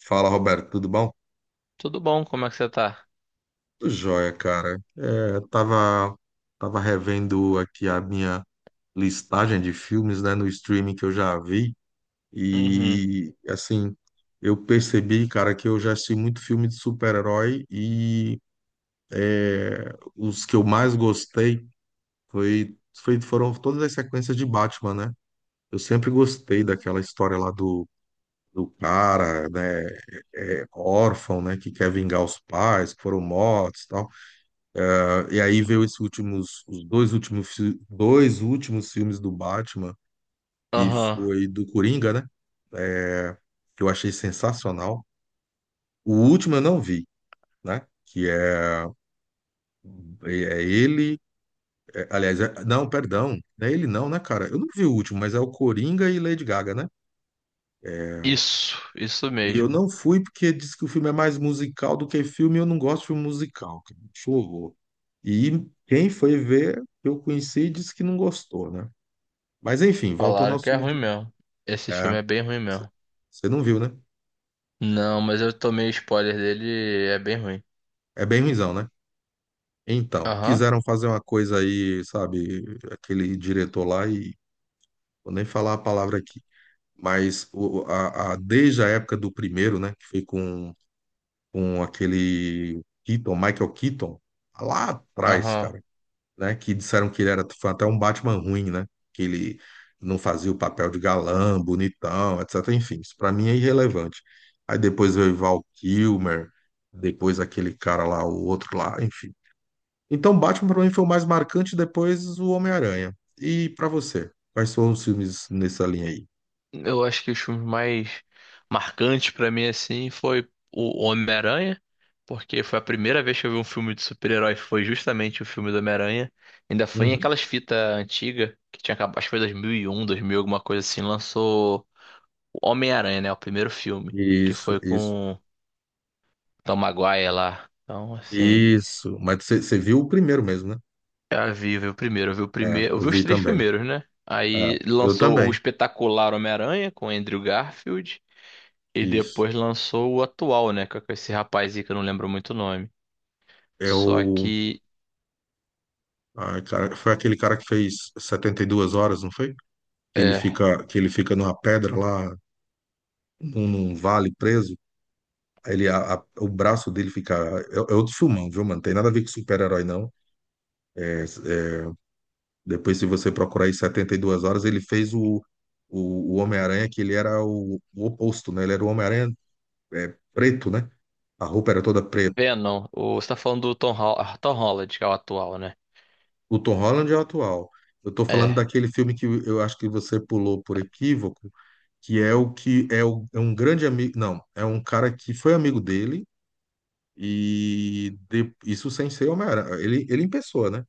Fala, Roberto, tudo bom? Tudo bom, como é que você tá? Tudo jóia, cara. Tava revendo aqui a minha listagem de filmes, né, no streaming que eu já vi Uhum. e, assim, eu percebi, cara, que eu já assisti muito filme de super-herói os que eu mais gostei foram todas as sequências de Batman, né? Eu sempre gostei daquela história lá do cara, né, órfão, né, que quer vingar os pais que foram mortos e tal. E aí veio esses últimos, os dois últimos, fi- dois últimos filmes do Batman, que Aham. foi do Coringa, né? É, Que eu achei sensacional. O último eu não vi, né? Que é, é é ele. É- aliás, é- Não, perdão. Não é ele não, né, cara? Eu não vi o último, mas é o Coringa e Lady Gaga, né? É, Isso E eu mesmo. não fui porque diz que o filme é mais musical do que filme, e eu não gosto de filme musical, cara. Acho um horror. E quem foi ver, eu conheci, disse que não gostou, né? Mas enfim, voltando Falaram aos que é filmes ruim de. mesmo. Esse É. filme é bem ruim mesmo. Você não viu, né? Não, mas eu tomei spoiler dele, e é bem ruim. É bem ruimzão, né? Então, Aham, quiseram fazer uma coisa aí, sabe, aquele diretor lá e vou nem falar a palavra aqui, mas desde a época do primeiro, né, que foi com aquele Keaton, Michael Keaton, lá atrás, aham. cara. Né? Que disseram que ele era foi até um Batman ruim, né? Que ele não fazia o papel de galã, bonitão, etc. Enfim, isso pra mim é irrelevante. Aí depois veio Val Kilmer, depois aquele cara lá, o outro lá, enfim. Então Batman pra mim foi o mais marcante, depois o Homem-Aranha. E pra você, quais foram os filmes nessa linha aí? Eu acho que os filmes mais marcantes pra mim, assim, foi o Homem-Aranha, porque foi a primeira vez que eu vi um filme de super-herói, foi justamente o filme do Homem-Aranha. Ainda foi em Uhum. aquelas fitas antigas, que tinha acabado, acho que foi dois mil e um, dois mil alguma coisa assim, lançou o Homem-Aranha, né? O primeiro filme, que Isso, foi isso, com o Tom Maguire lá. Então, assim, isso. Mas você viu o primeiro mesmo, né? eu vi o primeiro, eu vi o É, primeiro, eu eu vi os vi três também. primeiros, né? É, Aí eu lançou o também. espetacular Homem-Aranha com Andrew Garfield e Isso. depois lançou o atual, né, com esse rapaz aí que eu não lembro muito o nome. Só Eu que Ah, cara, foi aquele cara que fez 72 horas, não foi? É, Que ele fica numa pedra lá, num vale preso. Aí ele, o braço dele fica. É, é outro filmão, viu, mano? Tem nada a ver com super-herói, não. É, é, depois, se você procurar aí 72 horas, ele fez o Homem-Aranha, que ele era o oposto, né? Ele era o Homem-Aranha preto, né? A roupa era toda preta. Venom, o, você tá falando do Tom, Tom Holland, que é o atual, né? O Tom Holland é o atual. Eu tô falando É. daquele filme que eu acho que você pulou por equívoco, é um grande amigo, não, é um cara que foi amigo dele isso sem ser Homem-Aranha, ele em pessoa, né?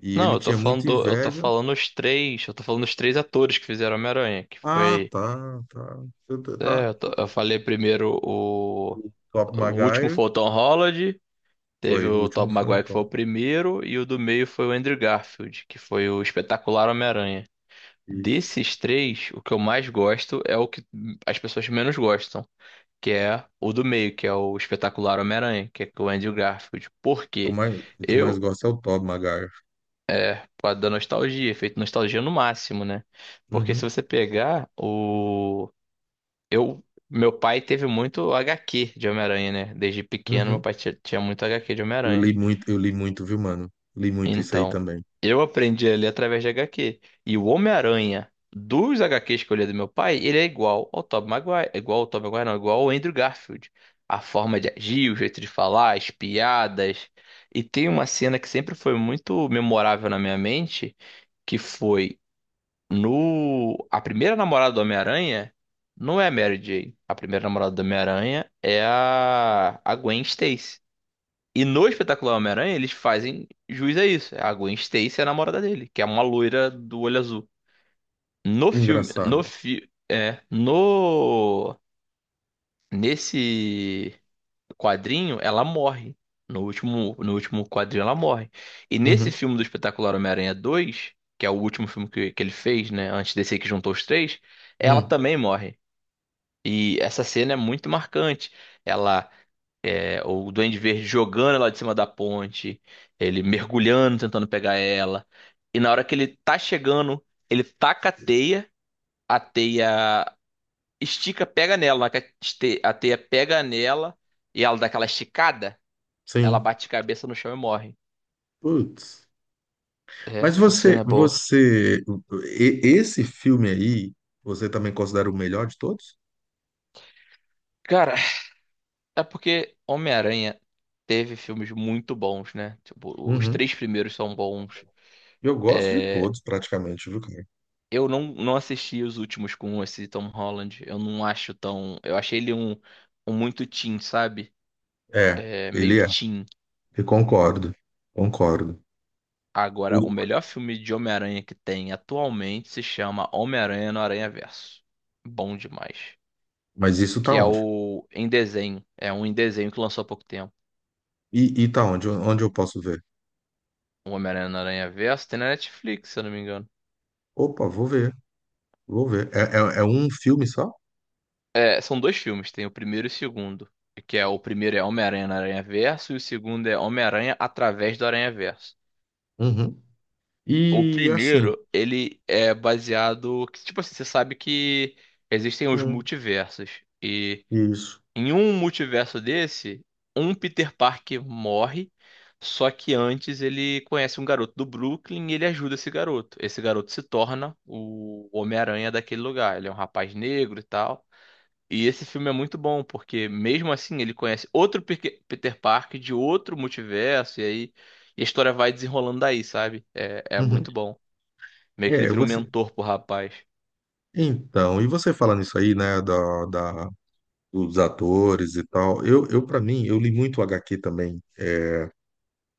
E Não, ele eu tô tinha falando, muita eu tô inveja. falando os três, eu tô falando os três atores que fizeram Homem-Aranha, que Ah, foi. tá, tá, tá, tá. É, tá. Eu falei primeiro o último Maguire foi o Tom Holland, teve foi, o o último Tobey foi o Maguire que foi Tom. o primeiro, e o do meio foi o Andrew Garfield, que foi o espetacular Homem-Aranha. Isso. Desses três, o que eu mais gosto é o que as pessoas menos gostam, que é o do meio, que é o espetacular Homem-Aranha, que é com o Andrew Garfield. Por quê? O que eu mais Eu, gosto é o Tobey Maguire. por causa da nostalgia, efeito nostalgia no máximo, né? Porque se Uhum, você pegar o... Eu, meu pai teve muito HQ de Homem-Aranha, né? Desde pequeno, meu uhum. pai tinha muito HQ de Homem-Aranha. Eu li muito, viu, mano? Li muito isso aí Então, também. eu aprendi a através de HQ. E o Homem-Aranha dos HQs que eu li do meu pai, ele é igual ao Tobey Maguire. É igual ao Tobey Maguire, não, é igual ao Andrew Garfield. A forma de agir, o jeito de falar, as piadas. E tem uma cena que sempre foi muito memorável na minha mente, que foi. No, a primeira namorada do Homem-Aranha não é a Mary Jane. A primeira namorada do Homem-Aranha é a Gwen Stacy. E no Espetacular Homem-Aranha eles fazem jus a isso. A Gwen Stacy é a namorada dele, que é uma loira do olho azul. No filme, Engraçado. No nesse quadrinho, ela morre. No último, no último quadrinho, ela morre. E nesse Uhum, filme do Espetacular Homem-Aranha 2 que é o último filme que ele fez, né? Antes desse aí que juntou os três, ela hum, também morre. E essa cena é muito marcante. Ela, é, o Duende Verde jogando ela de cima da ponte, ele mergulhando, tentando pegar ela. E na hora que ele tá chegando, ele taca a teia estica, pega nela. Na hora que a a teia pega nela e ela dá aquela esticada, ela sim. bate cabeça no chão e morre. Putz. É, Mas essa você, cena é boa. você, esse filme aí, você também considera o melhor de todos? Cara, é porque Homem-Aranha teve filmes muito bons, né? Tipo, os Uhum. três primeiros são bons. Eu gosto de É, todos, praticamente, viu, cara? eu não assisti os últimos com esse Tom Holland. Eu não acho tão. Eu achei ele um, um muito teen, sabe? É, É, ele meio é. teen. Eu concordo, concordo. Agora, o melhor filme de Homem-Aranha que tem atualmente se chama Homem-Aranha no Aranhaverso. Bom demais. Mas isso tá Que é onde? o em desenho. É um em desenho que lançou há pouco tempo. E tá onde? Onde eu posso ver? O Homem-Aranha no Aranha Verso tem na Netflix, se eu não me engano. Opa, vou ver, vou ver. É um filme só? É, são dois filmes, tem o primeiro e o segundo. Que é o primeiro é Homem-Aranha no Aranha Verso e o segundo é Homem-Aranha através do Aranha Verso. Uhum. O E assim, primeiro, ele é baseado, que, tipo assim, você sabe que existem os hum, multiversos. E isso. em um multiverso desse, um Peter Parker morre, só que antes ele conhece um garoto do Brooklyn e ele ajuda esse garoto. Esse garoto se torna o Homem-Aranha daquele lugar. Ele é um rapaz negro e tal. E esse filme é muito bom, porque mesmo assim ele conhece outro Peter Parker de outro multiverso, e aí e a história vai desenrolando daí, sabe? É, é Uhum. muito bom. Meio que ele É, vira um você. mentor pro rapaz. Então, e você falando isso aí, né, da, da dos atores e tal. Eu para mim, eu li muito HQ também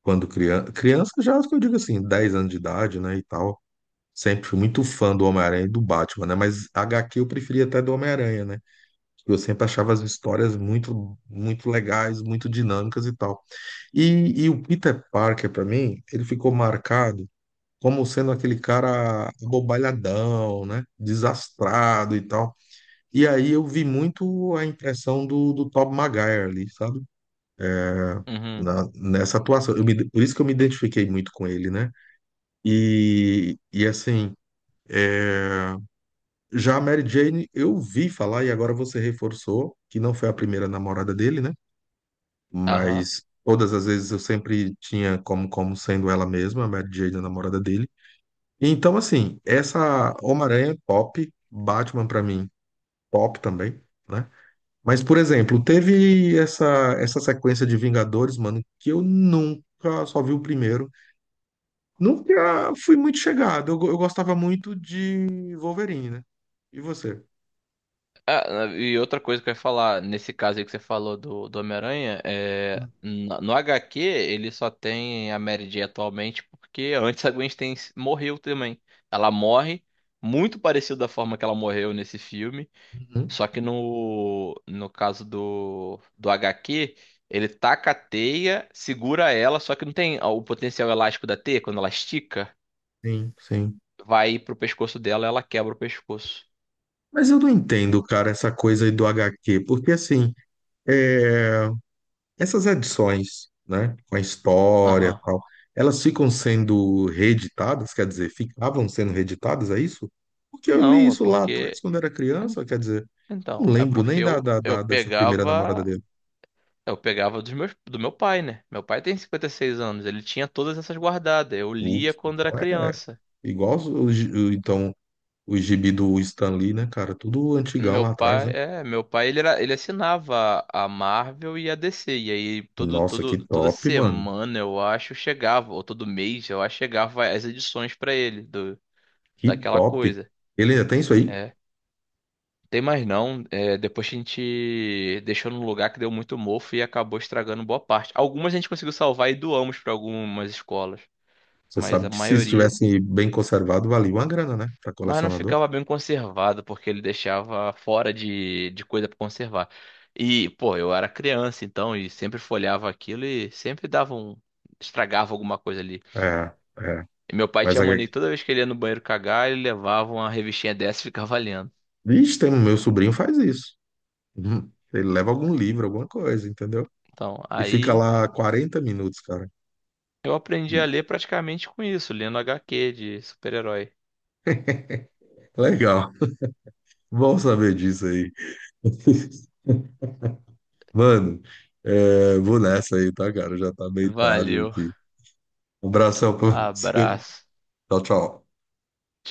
quando criança. Criança já, acho que eu digo assim, 10 anos de idade, né, e tal. Sempre fui muito fã do Homem-Aranha e do Batman, né? Mas HQ eu preferia até do Homem-Aranha, né? Eu sempre achava as histórias muito, muito legais, muito dinâmicas e tal. E, e o Peter Parker, para mim, ele ficou marcado como sendo aquele cara abobalhadão, né? Desastrado e tal. E aí eu vi muito a impressão do Tobey Maguire ali, sabe? Uhum. Nessa atuação. Por isso que eu me identifiquei muito com ele, né? E, e assim, é, já a Mary Jane, eu vi falar, e agora você reforçou, que não foi a primeira namorada dele, né? Mas todas as vezes eu sempre tinha como sendo ela mesma, a Mary Jane, a namorada dele. Então, assim, essa Homem-Aranha, top. Batman, pra mim, top também, né? Mas, por exemplo, essa sequência de Vingadores, mano, que eu nunca só vi o primeiro. Nunca fui muito chegado. Eu gostava muito de Wolverine, né? E você? Ah, e outra coisa que eu ia falar, nesse caso aí que você falou do, do Homem-Aranha, é, no HQ ele só tem a Mary Jane atualmente porque antes a Gwen Stacy morreu também. Ela morre muito parecido da forma que ela morreu nesse filme, Uhum. só que no caso do, do HQ, ele taca a teia, segura ela, só que não tem o potencial elástico da teia, quando ela estica, Sim, sim. vai pro pescoço dela, ela quebra o pescoço. Mas eu não entendo, cara, essa coisa aí do HQ, porque assim, é, essas edições, né, com a história e Aham. tal, elas ficam sendo reeditadas, quer dizer, ficavam sendo reeditadas, é isso? Porque eu li Não, é isso lá atrás, porque. quando era criança, quer dizer, Então, não é lembro porque nem eu dessa primeira namorada pegava. dele. Eu pegava dos meus, do meu pai, né? Meu pai tem 56 anos, ele tinha todas essas guardadas. Eu lia Putz, quando então era é criança. igual, então o gibi do Stan Lee, né, cara? Tudo antigão Meu lá atrás, pai, né? é, meu pai ele, era, ele assinava a Marvel e a DC. E aí Nossa, que toda top, mano. semana eu acho chegava, ou todo mês eu acho chegava as edições pra ele do, Que daquela top. coisa. Ele ainda tem isso aí? É. Tem mais não. É, depois a gente deixou num lugar que deu muito mofo e acabou estragando boa parte. Algumas a gente conseguiu salvar e doamos para algumas escolas, Você mas sabe a que se maioria. estivesse bem conservado, valia uma grana, né? Pra Mas não colecionador. ficava bem conservado, porque ele deixava fora de coisa para conservar. E, pô, eu era criança então, e sempre folhava aquilo e sempre dava um. Estragava alguma coisa ali. É, é. E meu pai Mas tinha a... mania, que toda vez que ele ia no banheiro cagar, ele levava uma revistinha dessa e ficava lendo. Ixi, tem... um, meu sobrinho faz isso. Uhum. Ele leva algum livro, alguma coisa, entendeu? Então, E fica aí. lá 40 minutos, cara. Eu aprendi a ler praticamente com isso, lendo HQ de super-herói. Legal. Bom saber disso aí. Mano, é, vou nessa aí, tá, cara? Já tá meio tarde Valeu, aqui. Um abração pra você. abraço. Tchau, tchau.